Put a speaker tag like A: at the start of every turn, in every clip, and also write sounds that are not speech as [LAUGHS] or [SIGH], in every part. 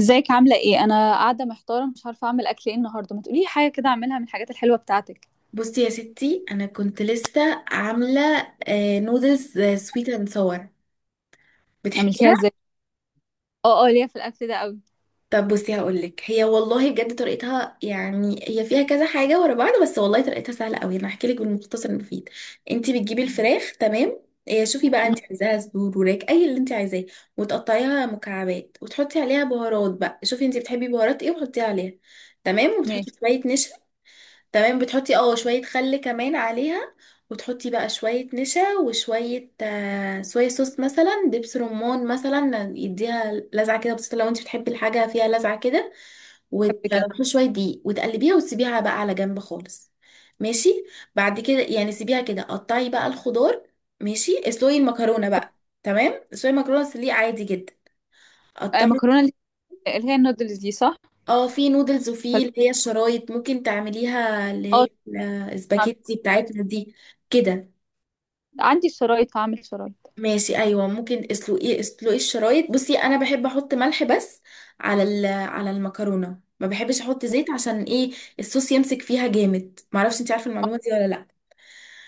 A: ازيك عاملة ايه؟ أنا قاعدة محتارة، مش عارفة أعمل أكل ايه النهاردة. ما تقولي لي حاجة كده أعملها من الحاجات الحلوة بتاعتك.
B: بصي يا ستي، انا كنت لسه عامله نودلز سويت اند صور.
A: عملتيها
B: بتحبيها؟
A: ازاي؟ اه اه، ليا في الأكل ده قوي.
B: طب بصي هقولك، هي والله بجد طريقتها، يعني هي فيها كذا حاجه ورا بعض، بس والله طريقتها سهله قوي. انا هحكي لك بالمختصر المفيد. انت بتجيبي الفراخ. تمام. شوفي بقى،
A: مم،
B: انت عايزاها صدور، وراك، اي اللي انت عايزاه. وتقطعيها مكعبات وتحطي عليها بهارات. بقى شوفي انت بتحبي بهارات ايه وحطيها عليها. تمام. وبتحطي
A: ماشي.
B: شويه نشا. تمام. بتحطي شوية خل كمان عليها. وتحطي بقى شوية نشا وشوية صويا صوص، مثلا دبس رمان، مثلا يديها لذعة كده بسيطة لو انت بتحبي الحاجة فيها لذعة كده.
A: بحب كده.
B: وتحطي شوية دقيق وتقلبيها وتسيبيها بقى على جنب خالص. ماشي. بعد كده يعني سيبيها كده. قطعي بقى الخضار. ماشي. اسلقي المكرونة بقى. تمام. اسلقي المكرونة سليق عادي جدا. قطعي.
A: مكرونة اللي هي النودلز دي صح؟
B: اه، في نودلز، وفي
A: ولا-
B: اللي هي الشرايط ممكن تعمليها، اللي
A: اه.
B: هي
A: عم-
B: الاسباجيتي بتاعتنا دي كده.
A: عندي الشرايط، هعمل شرايط.
B: ماشي، ايوه. ممكن اسلقي الشرايط. بصي انا بحب احط ملح بس على المكرونه، ما بحبش احط زيت. عشان ايه؟ الصوص يمسك فيها جامد. معرفش انت عارفه
A: اه،
B: المعلومه دي ولا لا.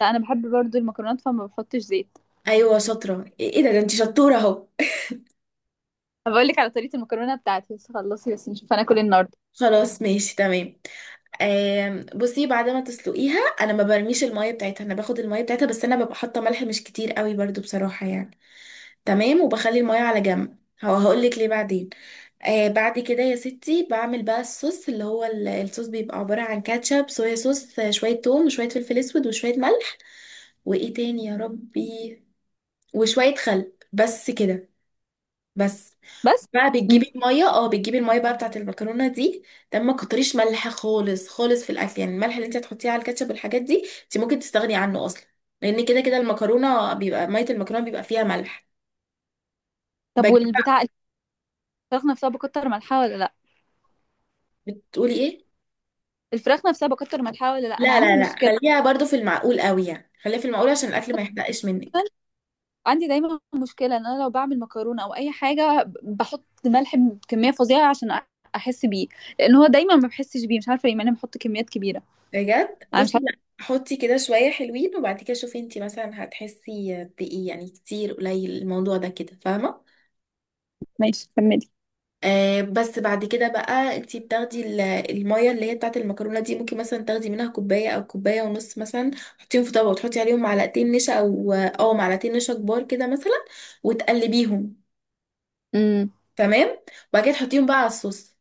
A: لا أنا بحب برضو المكرونات فما بحطش زيت.
B: ايوه شاطره. ايه؟ إيه ده انت شطوره اهو.
A: هبقول لك على طريقة المكرونة بتاعتي، بس خلصي بس نشوف هناكل ايه النهاردة.
B: [LAUGHS] خلاص، ماشي، تمام. بصي، بعد ما تسلقيها انا ما برميش الميه بتاعتها، انا باخد الميه بتاعتها، بس انا ببقى حاطه ملح مش كتير قوي برضو بصراحه يعني. تمام. وبخلي الميه على جنب. هو هقولك ليه بعدين. بعد كده يا ستي بعمل بقى الصوص، اللي هو الصوص بيبقى عباره عن كاتشب، صويا صوص، شويه توم، وشويه فلفل اسود، وشويه ملح، وايه تاني يا ربي، وشويه خل، بس كده، بس.
A: بس.
B: بقى
A: مم.
B: بتجيبي الميه بقى بتاعت المكرونه دي. تمام. ما كتريش ملح خالص خالص في الاكل، يعني الملح اللي انت هتحطيه على الكاتشب والحاجات دي انت ممكن تستغني عنه اصلا. لان كده كده المكرونه بيبقى ميه المكرونه بيبقى فيها ملح.
A: طب
B: بجيب بقى.
A: والبتاع الفراخ نفسها بكتر ملحها ولا لأ؟
B: بتقولي ايه؟
A: الفراخ نفسها بكتر ملحها ولا لأ؟ أنا
B: لا،
A: عندي
B: لا، لا،
A: مشكلة.
B: خليها برضو في المعقول قوي، يعني خليها في المعقول عشان الاكل ما يحرقش منك.
A: عندي دايما مشكلة ان انا لو بعمل مكرونة او اي حاجة بحط ملح بكمية فظيعة عشان احس بيه. لان هو دايما ما بحسش بيه، مش عارفة ليه مع اني بحط كميات كبيرة.
B: بجد.
A: انا
B: بصي
A: مش عارفة.
B: لا، حطي كده شويه حلوين وبعد كده شوفي انت مثلا هتحسي بايه، يعني كتير قليل، الموضوع ده كده، فاهمه؟
A: ماشي، كملي.
B: بس بعد كده بقى انتي بتاخدي المية اللي هي بتاعت المكرونة دي، ممكن مثلا تاخدي منها كوباية او كوباية ونص، مثلا تحطيهم في طبق وتحطي عليهم معلقتين نشا او معلقتين نشا كبار كده مثلا، وتقلبيهم.
A: امم.
B: تمام. وبعد كده تحطيهم بقى على الصوص.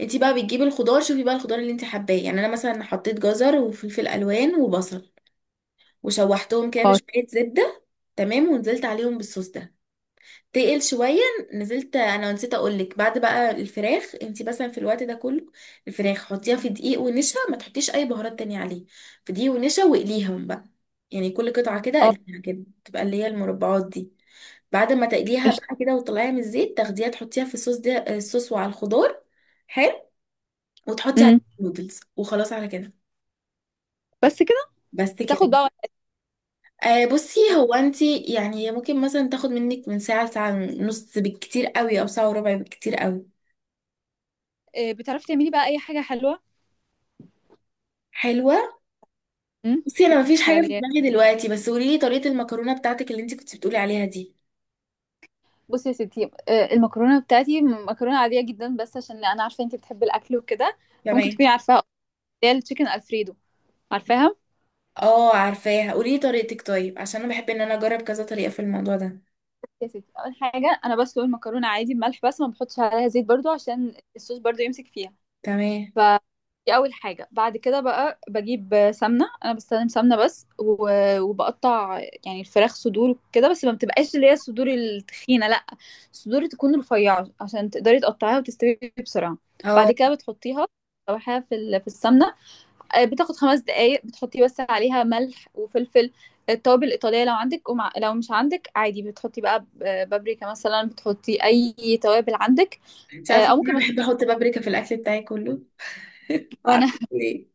B: انتي بقى بتجيبي الخضار، شوفي بقى الخضار اللي انتي حباه. يعني انا مثلا حطيت جزر وفلفل الوان وبصل وشوحتهم كده
A: اه.
B: بشوية زبدة. تمام. ونزلت عليهم بالصوص ده. تقل شوية. نزلت. انا نسيت اقولك، بعد بقى الفراخ انتي مثلا في الوقت ده كله الفراخ حطيها في دقيق ونشا، ما تحطيش اي بهارات تانية عليه، في دقيق ونشا، واقليهم بقى. يعني كل قطعة كده
A: اه.
B: قليها كده، تبقى اللي هي المربعات دي. بعد ما تقليها
A: قشطة.
B: بقى كده وتطلعيها من الزيت، تاخديها تحطيها في الصوص ده، الصوص وعلى الخضار. حلو. وتحطي عليه
A: امم.
B: النودلز وخلاص على كده.
A: بس كده.
B: بس كده.
A: بتاخد بقى
B: بصي
A: وقتك.
B: هو انتي يعني ممكن مثلا تاخد منك من ساعة لساعة ونص بالكتير قوي، او ساعة وربع بالكتير قوي.
A: بتعرفي تعملي بقى اي حاجة حلوة؟
B: حلوة.
A: امم.
B: بصي انا مفيش حاجه في
A: حلويات.
B: دماغي دلوقتي، بس قولي لي طريقه المكرونه بتاعتك اللي انت كنت بتقولي عليها دي.
A: بصي يا ستي، المكرونة بتاعتي مكرونة عادية جدا، بس عشان انا عارفة انت بتحبي الاكل وكده فممكن
B: تمام.
A: تكوني عارفاها، اللي هي التشيكن الفريدو. عارفاها.
B: اه عارفاها، قولي لي طريقتك طيب، عشان انا بحب ان انا اجرب كذا طريقه في الموضوع ده.
A: يا ستي، اول حاجه انا بسلق المكرونه عادي بملح بس، ما بحطش عليها زيت برضو عشان الصوص برضو يمسك فيها.
B: تمام.
A: ف، دي اول حاجه. بعد كده بقى بجيب سمنه، انا بستخدم سمنه بس، وبقطع يعني الفراخ، صدور كده بس ما بتبقاش اللي هي الصدور التخينه، لا. الصدور تكون رفيعه عشان تقدري تقطعيها وتستوي بسرعه. بعد
B: اه،
A: كده بتحطيها، بتشوحيها في في السمنه. بتاخد 5 دقايق. بتحطي بس عليها ملح وفلفل، التوابل الإيطالية لو عندك، ومع لو مش عندك عادي بتحطي بقى بابريكا مثلا، بتحطي أي توابل عندك.
B: انت عارفه
A: أو
B: ان
A: ممكن
B: انا
A: ما
B: بحب
A: تحطيش.
B: احط بابريكا في الاكل بتاعي كله؟
A: وأنا
B: عارفه
A: [LAUGHS]
B: ليه؟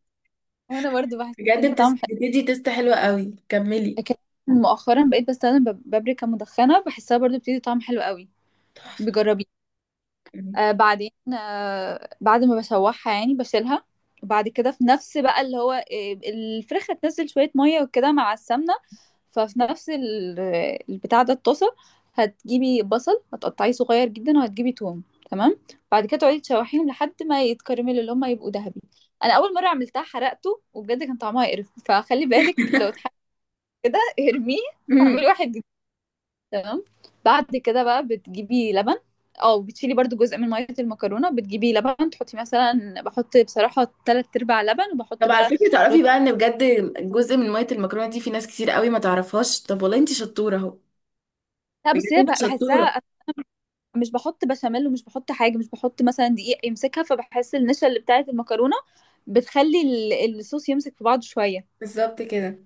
A: وأنا برضو بحس
B: بجد
A: دي طعم حلو.
B: بتدي تيست حلوه قوي. كملي.
A: لكن مؤخرا بقيت بستخدم بابريكا مدخنة، بحسها برضو بتدي طعم حلو قوي.
B: تحفه.
A: بجربي. بعدين، بعد ما بشوحها يعني بشيلها. وبعد كده في نفس بقى اللي هو، الفراخ هتنزل شوية مية وكده مع السمنة. ففي نفس البتاع ده، الطاسة. هتجيبي بصل هتقطعيه صغير جدا، وهتجيبي توم. تمام. بعد كده تقعدي تشوحيهم لحد ما يتكرملوا اللي هما يبقوا ذهبي. انا اول مرة عملتها حرقته وبجد كان طعمها يقرف، فخلي بالك لو اتحرق كده ارميه
B: أمم.
A: واعملي واحد. تمام. بعد كده بقى بتجيبي لبن، او بتشيلي برضو جزء من ميه المكرونه، بتجيبي لبن تحطي مثلا، بحط بصراحه تلات ارباع لبن وبحط
B: طب على
A: بقى
B: فكره
A: ربع.
B: تعرفي بقى، ان بجد جزء من ميه المكرونه دي في ناس كتير قوي ما تعرفهاش. طب والله انت شطوره اهو.
A: لا،
B: بجد
A: بس هي
B: انت شطوره.
A: بحسها، مش بحط بشاميل ومش بحط حاجه، مش بحط مثلا دقيق يمسكها، فبحس النشا اللي بتاعت المكرونه بتخلي الصوص يمسك في بعضه شويه.
B: بالظبط كده.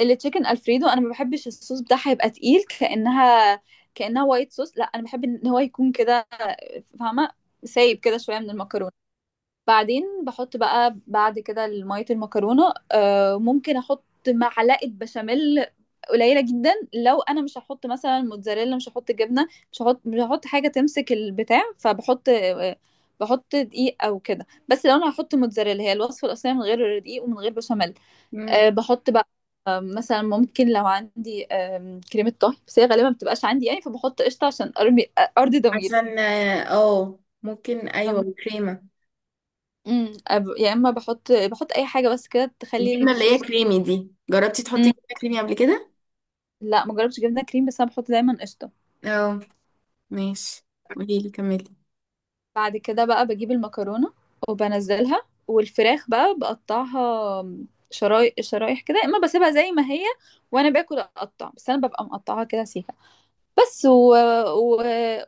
A: التشيكن الفريدو انا ما بحبش الصوص بتاعها يبقى تقيل كانها، كانها وايت صوص. لا، انا بحب ان هو يكون كده، فاهمه؟ سايب كده شويه من المكرونه. بعدين بحط بقى، بعد كده ميه المكرونه، ممكن احط معلقه بشاميل قليله جدا لو انا مش هحط مثلا موتزاريلا، مش هحط جبنه، مش هحط مش هحط حاجه تمسك البتاع، فبحط بحط دقيق او كده بس. لو انا هحط موتزاريلا هي الوصفه الاصليه من غير دقيق ومن غير بشاميل. بحط بقى، مثلا ممكن لو عندي، كريمه طهي. بس هي غالبا ما بتبقاش عندي يعني، فبحط قشطه عشان ارمي، ارضي ضميري.
B: عشان ممكن، ايوه كريمه.
A: امم، يا اما بحط، اي حاجه بس كده تخلي
B: الجبنه اللي هي
A: الصوص.
B: كريمي دي، جربتي تحطي
A: امم،
B: جبنه كريمي قبل كده؟
A: لا ما جربتش جبنه كريم، بس انا بحط دايما قشطه.
B: اه، ماشي. قولي لي، كملي.
A: بعد كده بقى بجيب المكرونه وبنزلها، والفراخ بقى بقطعها شرايح شرايح كده، يا اما بسيبها زي ما هي وانا باكل اقطع، بس انا ببقى مقطعها كده سيكه بس. و...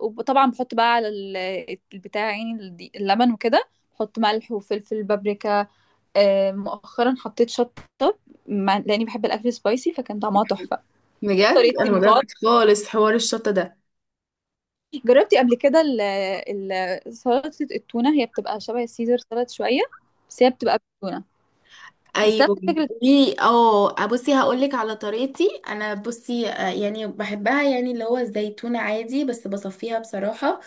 A: وطبعا بحط بقى على البتاع يعني، اللبن وكده، بحط ملح وفلفل بابريكا. مؤخرا حطيت شطه، لاني بحب الاكل سبايسي، فكان طعمها تحفه.
B: بجد
A: طريقتي
B: انا ما
A: المتواضعة.
B: جربتش خالص حوار الشطه ده.
A: جربتي قبل كده ال سلطة التونة؟ هي بتبقى شبه السيزر سلطة شوية، بس هي بتبقى بالتونة، بس
B: ايوه.
A: نفس فكرة.
B: قولي. اه بصي هقول لك على طريقتي. انا بصي، يعني بحبها، يعني اللي هو الزيتون عادي بس بصفيها بصراحه.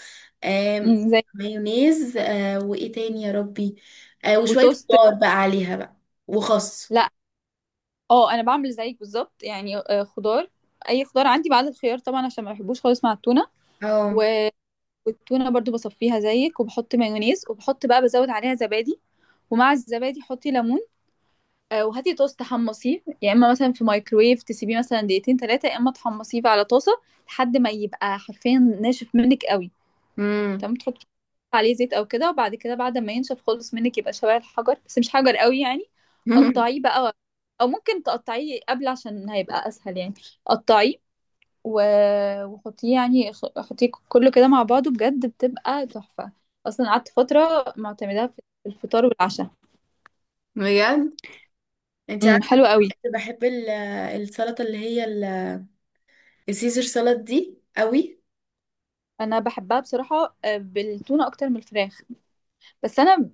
B: آم،
A: مم، زي.
B: مايونيز، وايه تاني يا ربي، وشويه
A: وتوست.
B: خضار بقى عليها بقى، وخس.
A: لا. اه، انا بعمل زيك بالظبط يعني، خضار، اي خضار عندي، بعد الخيار طبعا عشان ما بحبوش خالص مع التونة.
B: اه،
A: و- والتونة برضو بصفيها زيك، وبحط مايونيز، وبحط بقى بزود عليها زبادي. ومع الزبادي حطي ليمون. وهاتي طاسة تحمصيه، يا اما مثلا في مايكرويف تسيبيه مثلا دقيقتين 3، يا اما تحمصيه على طاسة لحد ما يبقى حرفيا ناشف منك قوي.
B: امم.
A: تمام، تحطي عليه زيت او كده، وبعد كده بعد ما ينشف خالص منك يبقى شبه الحجر، بس مش حجر قوي يعني.
B: [LAUGHS]
A: قطعيه بقى، او ممكن تقطعيه قبل عشان هيبقى اسهل يعني. قطعيه، و... وحطيه يعني، حطيه كله كده مع بعضه، بجد بتبقى تحفة، اصلا قعدت فترة معتمداها في الفطار والعشاء.
B: بجد، انت
A: امم.
B: عارفه،
A: حلو قوي.
B: كنت بحب السلطه اللي هي السيزر سلطه دي قوي.
A: انا بحبها بصراحه، بالتونه اكتر من الفراخ، بس انا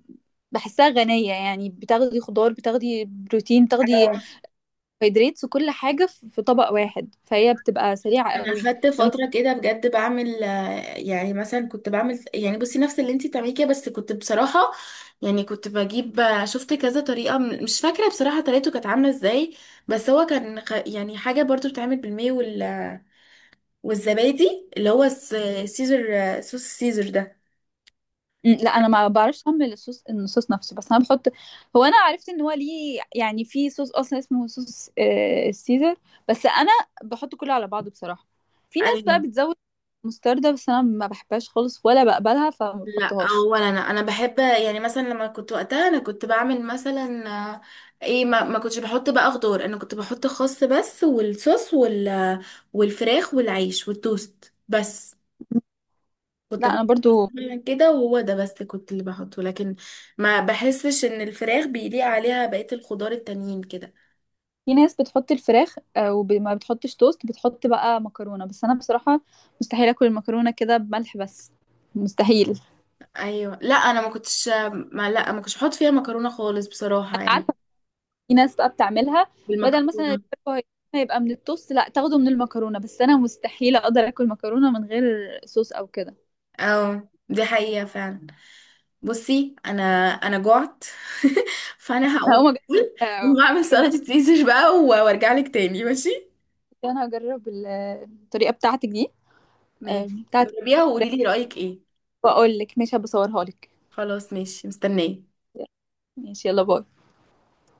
A: بحسها غنيه يعني، بتاخدي خضار، بتاخدي بروتين، بتاخدي
B: اه،
A: هيدريتس، وكل حاجه في طبق واحد، فهي بتبقى سريعه
B: انا
A: قوي.
B: خدت
A: لو انت-
B: فتره كده بجد بعمل، يعني مثلا كنت بعمل، يعني بصي نفس اللي انت بتعمليه كده بس كنت بصراحه يعني كنت بجيب شفت كذا طريقه، مش فاكره بصراحه طريقته كانت عامله ازاي. بس هو كان يعني حاجه برضو بتتعمل بالماء والزبادي اللي هو سيزر، صوص السيزر ده.
A: لا، انا ما بعرفش اعمل الصوص، الصوص نفسه، بس انا بحط، هو انا عرفت ان هو ليه يعني في صوص اصلا اسمه صوص السيزر. بس انا بحط كله على بعضه بصراحه. في ناس
B: ايوه
A: بقى بتزود مستردة، بس انا ما بحبهاش خالص ولا بقبلها فما
B: لا.
A: بحطهاش.
B: اولا انا بحب، يعني مثلا لما كنت وقتها انا كنت بعمل مثلا آه، ايه، ما كنتش بحط بقى خضار، انا كنت بحط خس بس والصوص والفراخ والعيش والتوست بس كنت
A: لا، انا
B: بحط.
A: برضو.
B: مثلاً كده، وهو ده بس كنت اللي بحطه، لكن ما بحسش ان الفراخ بيليق عليها بقية الخضار التانيين كده.
A: في ناس بتحط الفراخ، وما بتحطش توست، بتحط بقى مكرونة بس. أنا بصراحة مستحيل أكل المكرونة كده بملح بس، مستحيل. أنا
B: ايوه لا. انا ما كنتش بحط فيها مكرونة خالص بصراحة يعني.
A: عارفة. في ناس بقى بتعملها بدل مثلا
B: بالمكرونة.
A: الفراخ، هيبقى من التوست، لا تاخده من المكرونة. بس أنا مستحيل أقدر أكل مكرونة من غير صوص أو كده.
B: اه، دي حقيقة فعلا. بصي انا جعت. [LAUGHS] فانا هقوم
A: هقوم.
B: اقول هقوم اعمل
A: أجرب.
B: سلطه سيزر بقى وارجع لك تاني، ماشي؟
A: أنا هجرب الطريقة بتاعتك دي،
B: ماشي.
A: بتاعت
B: جربيها وقولي
A: الفراخ.
B: لي رايك ايه.
A: وأقول لك. ماشي، هبصورها لك.
B: خلاص، ماشي، مستنيه.
A: ماشي، يلا باي.